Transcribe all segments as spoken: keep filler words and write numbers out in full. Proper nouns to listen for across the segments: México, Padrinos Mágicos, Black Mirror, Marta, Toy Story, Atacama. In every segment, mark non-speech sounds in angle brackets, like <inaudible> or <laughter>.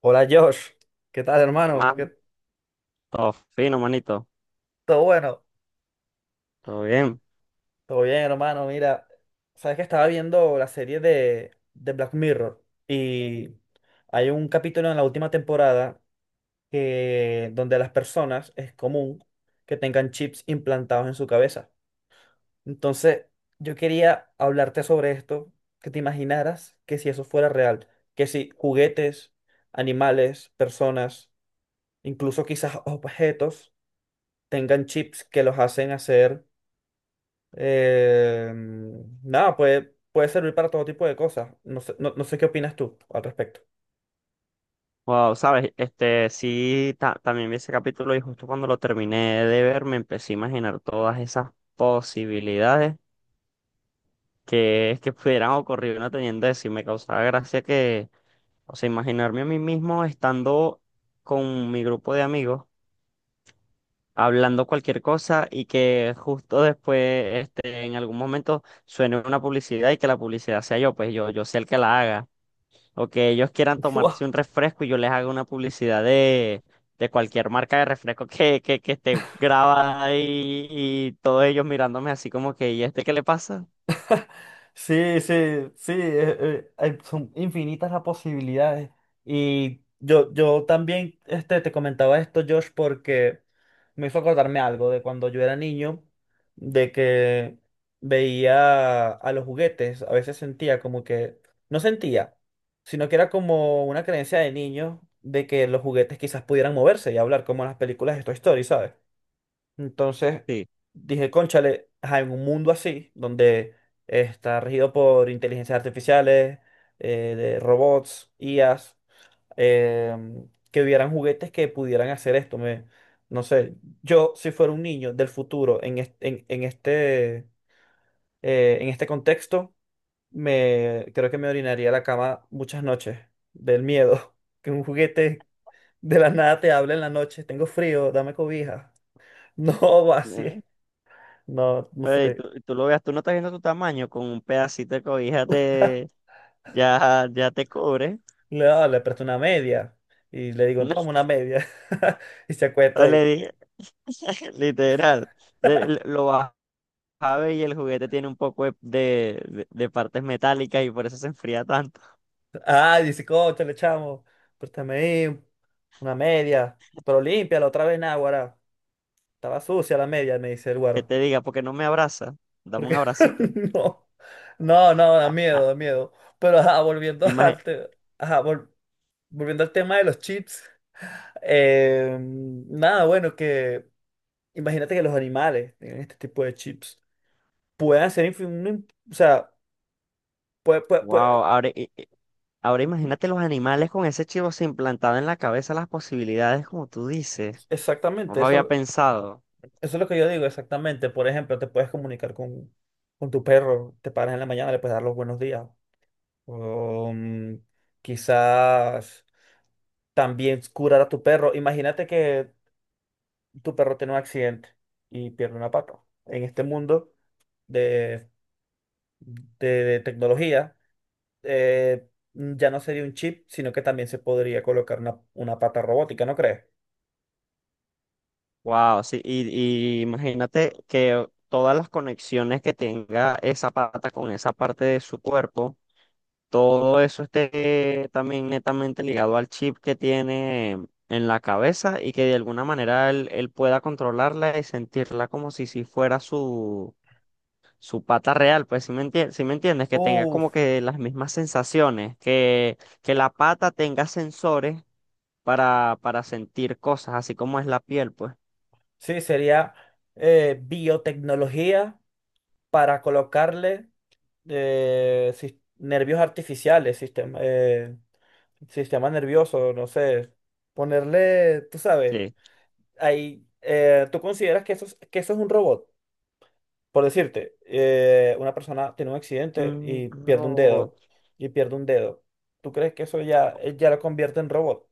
Hola Josh, ¿qué tal ¿Qué hermano? más? ¿Qué- Todo fino, manito. ¿Todo bueno? Todo bien. Todo bien hermano, mira, sabes que estaba viendo la serie de, de Black Mirror y hay un capítulo en la última temporada que donde a las personas es común que tengan chips implantados en su cabeza. Entonces, yo quería hablarte sobre esto, que te imaginaras que si eso fuera real, que si juguetes, animales, personas, incluso quizás objetos tengan chips que los hacen hacer. Eh, Nada, puede, puede servir para todo tipo de cosas. No sé, no, no sé qué opinas tú al respecto. Wow, sabes, este sí, ta- también vi ese capítulo y justo cuando lo terminé de ver me empecé a imaginar todas esas posibilidades que, es que pudieran ocurrir una teniendo eso y me causaba gracia que, o sea, imaginarme a mí mismo estando con mi grupo de amigos hablando cualquier cosa y que justo después, este, en algún momento suene una publicidad y que la publicidad sea yo, pues yo, yo sea el que la haga, o que ellos quieran <laughs> tomarse un refresco y yo les haga una publicidad de, de cualquier marca de refresco que, que, que esté grabada y, y todos ellos mirándome así como que, ¿y este qué le pasa? Sí, sí, sí, eh, eh, hay- son infinitas las posibilidades. Y yo, yo también este, te comentaba esto, Josh, porque me hizo acordarme algo de cuando yo era niño, de que veía a los juguetes, a veces sentía como que, no sentía, sino que era como una creencia de niño de que los juguetes quizás pudieran moverse y hablar como en las películas de Toy Story, ¿sabes? Entonces Sí. dije, cónchale, ajá, en un mundo así, donde está regido por inteligencias artificiales, eh, de robots, I As, em, que hubieran juguetes que pudieran hacer esto. Me, no sé, yo si fuera un niño del futuro en, est- en, en este, eh, en este contexto, me, creo que me orinaría a la cama muchas noches del miedo <laughs> que un juguete de la nada te hable en la noche, tengo frío, dame cobija. <laughs> No, así. Eh, No, no pero y tú, sé. y tú lo veas, tú no estás viendo tu tamaño, con un pedacito de cobija te, ya, ya te cubre. Le, ah, le presto una media. Y le digo, toma una <laughs> media. <laughs> Y se O acuesta le y. dije, <laughs> literal, le- le- lo baja y el juguete tiene un poco de, de, de- de partes metálicas y por eso se enfría tanto. Ah, dice, coche, le chamo préstame ahí una media. Pero límpiala otra vez, náguara. Estaba sucia la media, me dice el Que guaro. te diga, porque no me abraza, dame un Porque abracito. <laughs> no. No, no, da Ah, miedo, da miedo. Pero ajá, volviendo <laughs> imagi- al, te- ajá, vol- volviendo al tema de los chips. eh, nada, bueno, que. Imagínate que los animales tienen este tipo de chips. Puedan hacer infi- un im- o sea, puede, puede- puede- wow, ahora, i- i- ahora ujú, imagínate los animales con ese chivo implantado en la cabeza, las posibilidades como tú dices. No exactamente, lo había eso, pensado. eso es lo que yo digo, exactamente. Por ejemplo, te puedes comunicar con, con tu perro, te paras en la mañana, le puedes dar los buenos días. O, mm, quizás también curar a tu perro. Imagínate que tu perro tiene un accidente y pierde una pata. En este mundo de, de tecnología, eh, ya no sería un chip, sino que también se podría colocar una, una pata robótica, ¿no crees? Wow, sí, y, y imagínate que todas las conexiones que tenga esa pata con esa parte de su cuerpo, todo eso esté también netamente ligado al chip que tiene en la cabeza y que de alguna manera él, él pueda controlarla y sentirla como si, si fuera su su pata real, pues si me entiendes, si me entiendes, que tenga como Uf, que las mismas sensaciones, que, que la pata tenga sensores para, para sentir cosas, así como es la piel, pues. sí, sería eh, biotecnología para colocarle eh, sis- nervios artificiales, sistema, eh, sistema nervioso, no sé, ponerle, tú sabes, Sí. ahí, eh, ¿tú consideras que eso, es- que eso es un robot? Por decirte, eh, una persona tiene un accidente Un y pierde un robot. dedo, y pierde un dedo. ¿Tú crees que eso ya, eh, ya lo convierte en robot?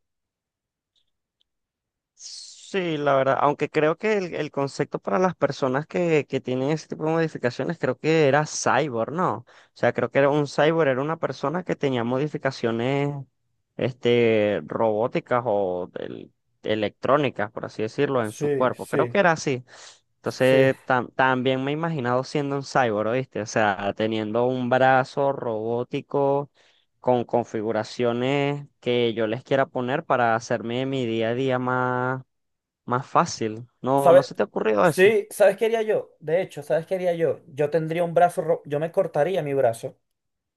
Sí, la verdad, aunque creo que el, el concepto para las personas que, que tienen ese tipo de modificaciones, creo que era cyborg, ¿no? O sea, creo que era un cyborg, era una persona que tenía modificaciones, este, robóticas o del- electrónicas, por así decirlo, en su Sí, cuerpo. Creo sí. que era así. Sí. Entonces, tam- también me he imaginado siendo un cyborg, ¿oíste? O sea, teniendo un brazo robótico con configuraciones que yo les quiera poner para hacerme mi día a día más más fácil. No, no ¿Sabes? se te ha ocurrido eso. Sí, ¿sabes qué haría yo? De hecho, ¿sabes qué haría yo? Yo tendría un brazo, ro- yo me cortaría mi brazo,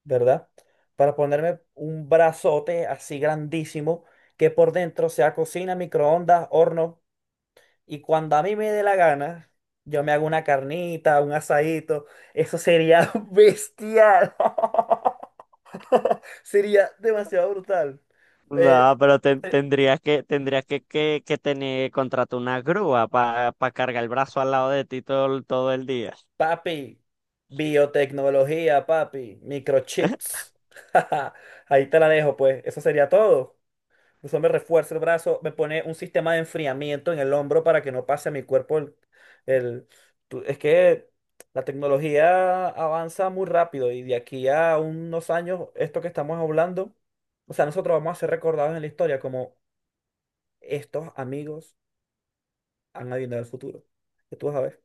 ¿verdad? Para ponerme un brazote así grandísimo que por dentro sea cocina, microondas, horno. Y cuando a mí me dé la gana, yo me hago una carnita, un asadito. Eso sería <laughs> bestial. <laughs> Sería demasiado brutal. Eh, No, pero te- eh, tendrías que, tendrías que, que, que tener, contratar una grúa para cargar el brazo al lado de ti todo, el- todo el día. papi, biotecnología, papi, <laughs> microchips. <laughs> Ahí te la dejo, pues. Eso sería todo. Incluso me refuerza el brazo, me pone un sistema de enfriamiento en el hombro para que no pase a mi cuerpo el, el- tú- es que la tecnología avanza muy rápido y de aquí a unos años, esto que estamos hablando, o sea, nosotros vamos a ser recordados en la historia como estos amigos han adivinado el futuro. Que tú vas a ver.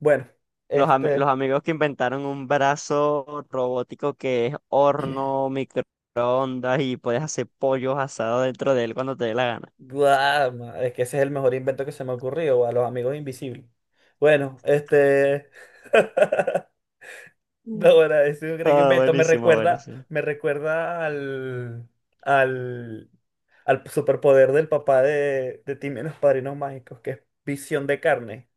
Bueno, Los, ami- los este... amigos que inventaron un brazo robótico que es horno, microondas y puedes hacer pollos asados dentro de él cuando te dé la gana. Guau, ma- es que ese es el mejor invento que se me ha ocurrido, a los amigos invisibles. Bueno, este... <laughs> No, ahora, ese gran Ah, invento me buenísimo, recuerda, buenísimo. me recuerda al, al, al superpoder del papá de, de Timmy en los Padrinos Mágicos, que es visión de carne.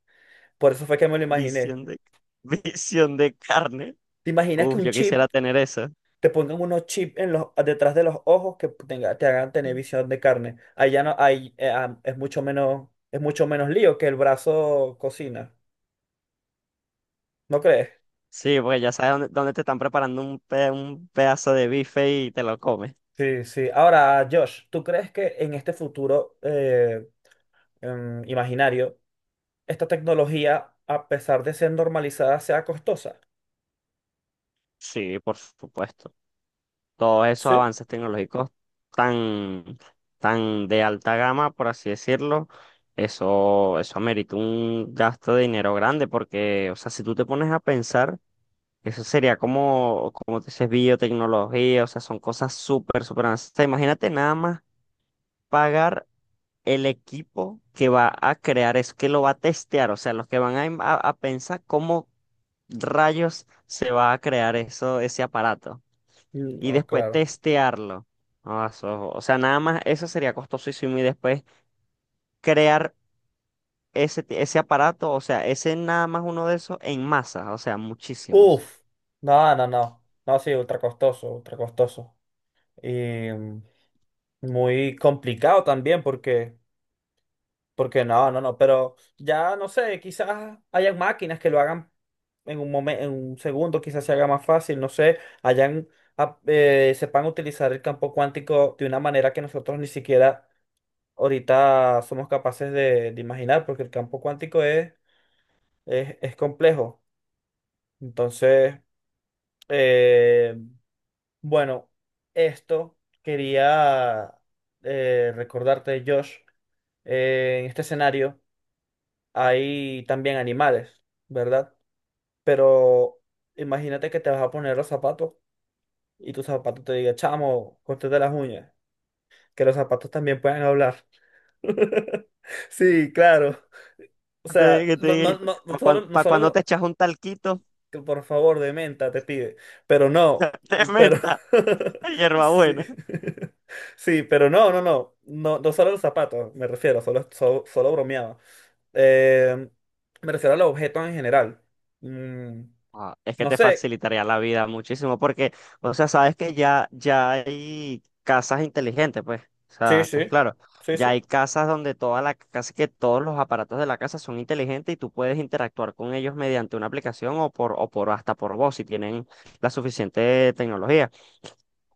Por eso fue que me lo imaginé. Visión de, <laughs> visión de carne. ¿Te imaginas que Uf, un yo quisiera chip, tener eso. te pongan unos chips en los, detrás de los ojos que tenga- te hagan tener visión de carne? Ahí ya no, ahí eh, ah, es mucho menos, es mucho menos lío que el brazo cocina. ¿No crees? Sí, porque ya sabes dónde, dónde te están preparando un, pe- un pedazo de bife y te lo comes. Sí, sí. Ahora, Josh, ¿tú crees que en este futuro eh, em, imaginario esta tecnología, a pesar de ser normalizada, sea costosa? Sí, por supuesto. Todos esos Sí. avances tecnológicos tan, tan de alta gama, por así decirlo, eso, eso amerita un gasto de dinero grande, porque, o sea, si tú te pones a pensar, eso sería como, como te dices, biotecnología, o sea, son cosas súper, súper avanzadas. Imagínate nada más pagar el equipo que va a crear es que lo va a testear, o sea, los que van a, im- a- a pensar cómo rayos se va a crear eso, ese aparato Mm, y oh, después claro. testearlo. Ah, eso- o sea, nada más eso sería costosísimo y después crear ese, t- ese aparato, o sea, ese nada más uno de esos en masa, o sea, muchísimos. Uf, no, no, no. No, sí, ultra costoso, ultra costoso. Y mm, muy complicado también porque, porque no, no, no, pero ya no sé, quizás hayan máquinas que lo hagan en un momento, en un segundo, quizás se haga más fácil, no sé, hayan, ap- eh, sepan utilizar el campo cuántico de una manera que nosotros ni siquiera ahorita somos capaces de, de imaginar, porque el campo cuántico es, es, es complejo. Entonces, eh, bueno, esto quería eh, recordarte, Josh, eh, en este escenario hay también animales, ¿verdad? Pero imagínate que te vas a poner los zapatos y tu zapato te diga, chamo, córtate las uñas, que los zapatos también pueden hablar. <laughs> Sí, claro. O sea, Te, que no, no, te no, no para solo, cuando, no pa' cuando te solo echas un talquito que por favor, de menta, te pide. Pero no, <laughs> de pero... menta, <laughs> Sí. hierbabuena. <laughs> Sí, pero no, no, no, no, no solo los zapatos, me refiero, solo, solo, solo bromeaba. Eh, me refiero a los objetos en general. Mm, Ah, es que no te sé, facilitaría la vida muchísimo porque, o sea, sabes que ya, ya hay casas inteligentes, pues, o sí, sea, sí, estás claro. sí, Ya sí, hay casas donde toda la, casi que todos los aparatos de la casa son inteligentes y tú puedes interactuar con ellos mediante una aplicación o por, o por hasta por voz si tienen la suficiente tecnología.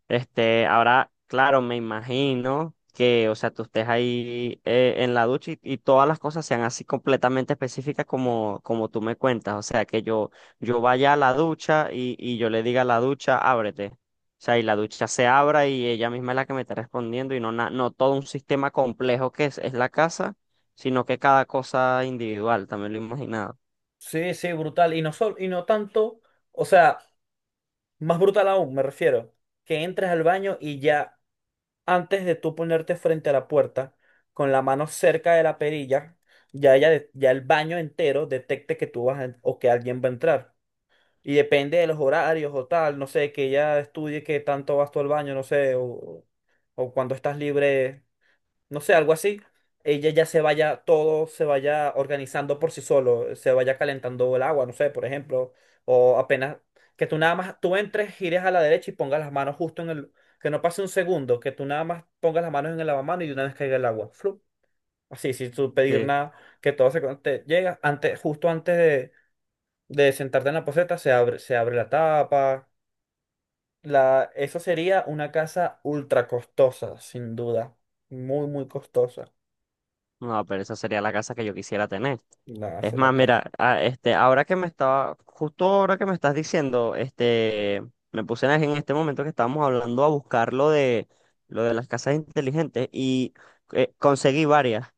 Este, ahora, claro, me imagino que, o sea, tú estés ahí eh, en la ducha y, y todas las cosas sean así completamente específicas como, como tú me cuentas. O sea, que yo, yo vaya a la ducha y, y yo le diga a la ducha, ábrete. O sea, y la ducha se abra y ella misma es la que me está respondiendo y no, na- no todo un sistema complejo que es, es la casa, sino que cada cosa individual, también lo he imaginado. sí, sí, brutal, y no, sol, y no tanto, o sea, más brutal aún, me refiero, que entres al baño y ya antes de tú ponerte frente a la puerta, con la mano cerca de la perilla, ya, ella de- ya el baño entero detecte que tú vas a en- o que alguien va a entrar. Y depende de los horarios o tal, no sé, que ella estudie qué tanto vas tú al baño, no sé, o, o cuando estás libre no sé, algo así, ella ya se vaya, todo se vaya organizando por sí solo, se vaya calentando el agua, no sé, por ejemplo, o apenas que tú nada más, tú entres, gires a la derecha y pongas las manos justo en el, que no pase un segundo, que tú nada más pongas las manos en el lavamanos y de una vez caiga el agua, flup. Así, sin tú pedir Sí. nada, que todo se con- te llega, antes, justo antes de, de sentarte en la poceta, se abre, se abre la tapa. La, eso sería una casa ultra costosa, sin duda. Muy, muy costosa. No, pero esa sería la casa que yo quisiera tener. Nada, Es se más, la casa. mira, a- este, ahora que me estaba, justo ahora que me estás diciendo, este, me puse en en este momento que estábamos hablando a buscar lo de, lo de las casas inteligentes y eh, conseguí varias,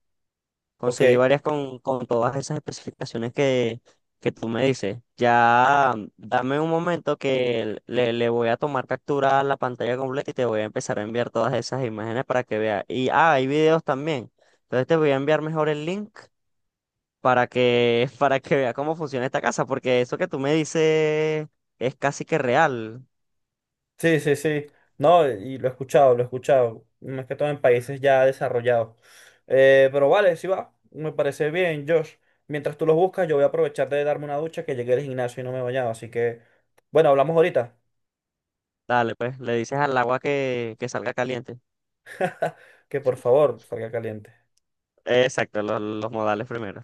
Ok, conseguí varias con, con todas esas especificaciones que, que tú me dices. Ya, mm, dame un momento que le, le voy a tomar captura a la pantalla completa y te voy a empezar a enviar todas esas imágenes para que veas. Y, ah, hay videos también. Entonces te voy a enviar mejor el link para que, <laughs> para que vea cómo funciona esta casa, porque eso que tú me dices es casi que real. sí, sí, sí. No, y lo he escuchado, lo he escuchado. Más que todo en países ya desarrollados. Eh, pero vale, sí va. Me parece bien, Josh. Mientras tú los buscas, yo voy a aprovechar de darme una ducha que llegué al gimnasio y no me he bañado. Así que, bueno, hablamos ahorita. Dale, pues, le dices al agua que, que salga caliente. <laughs> Que por favor salga caliente. Exacto, los, los modales primero.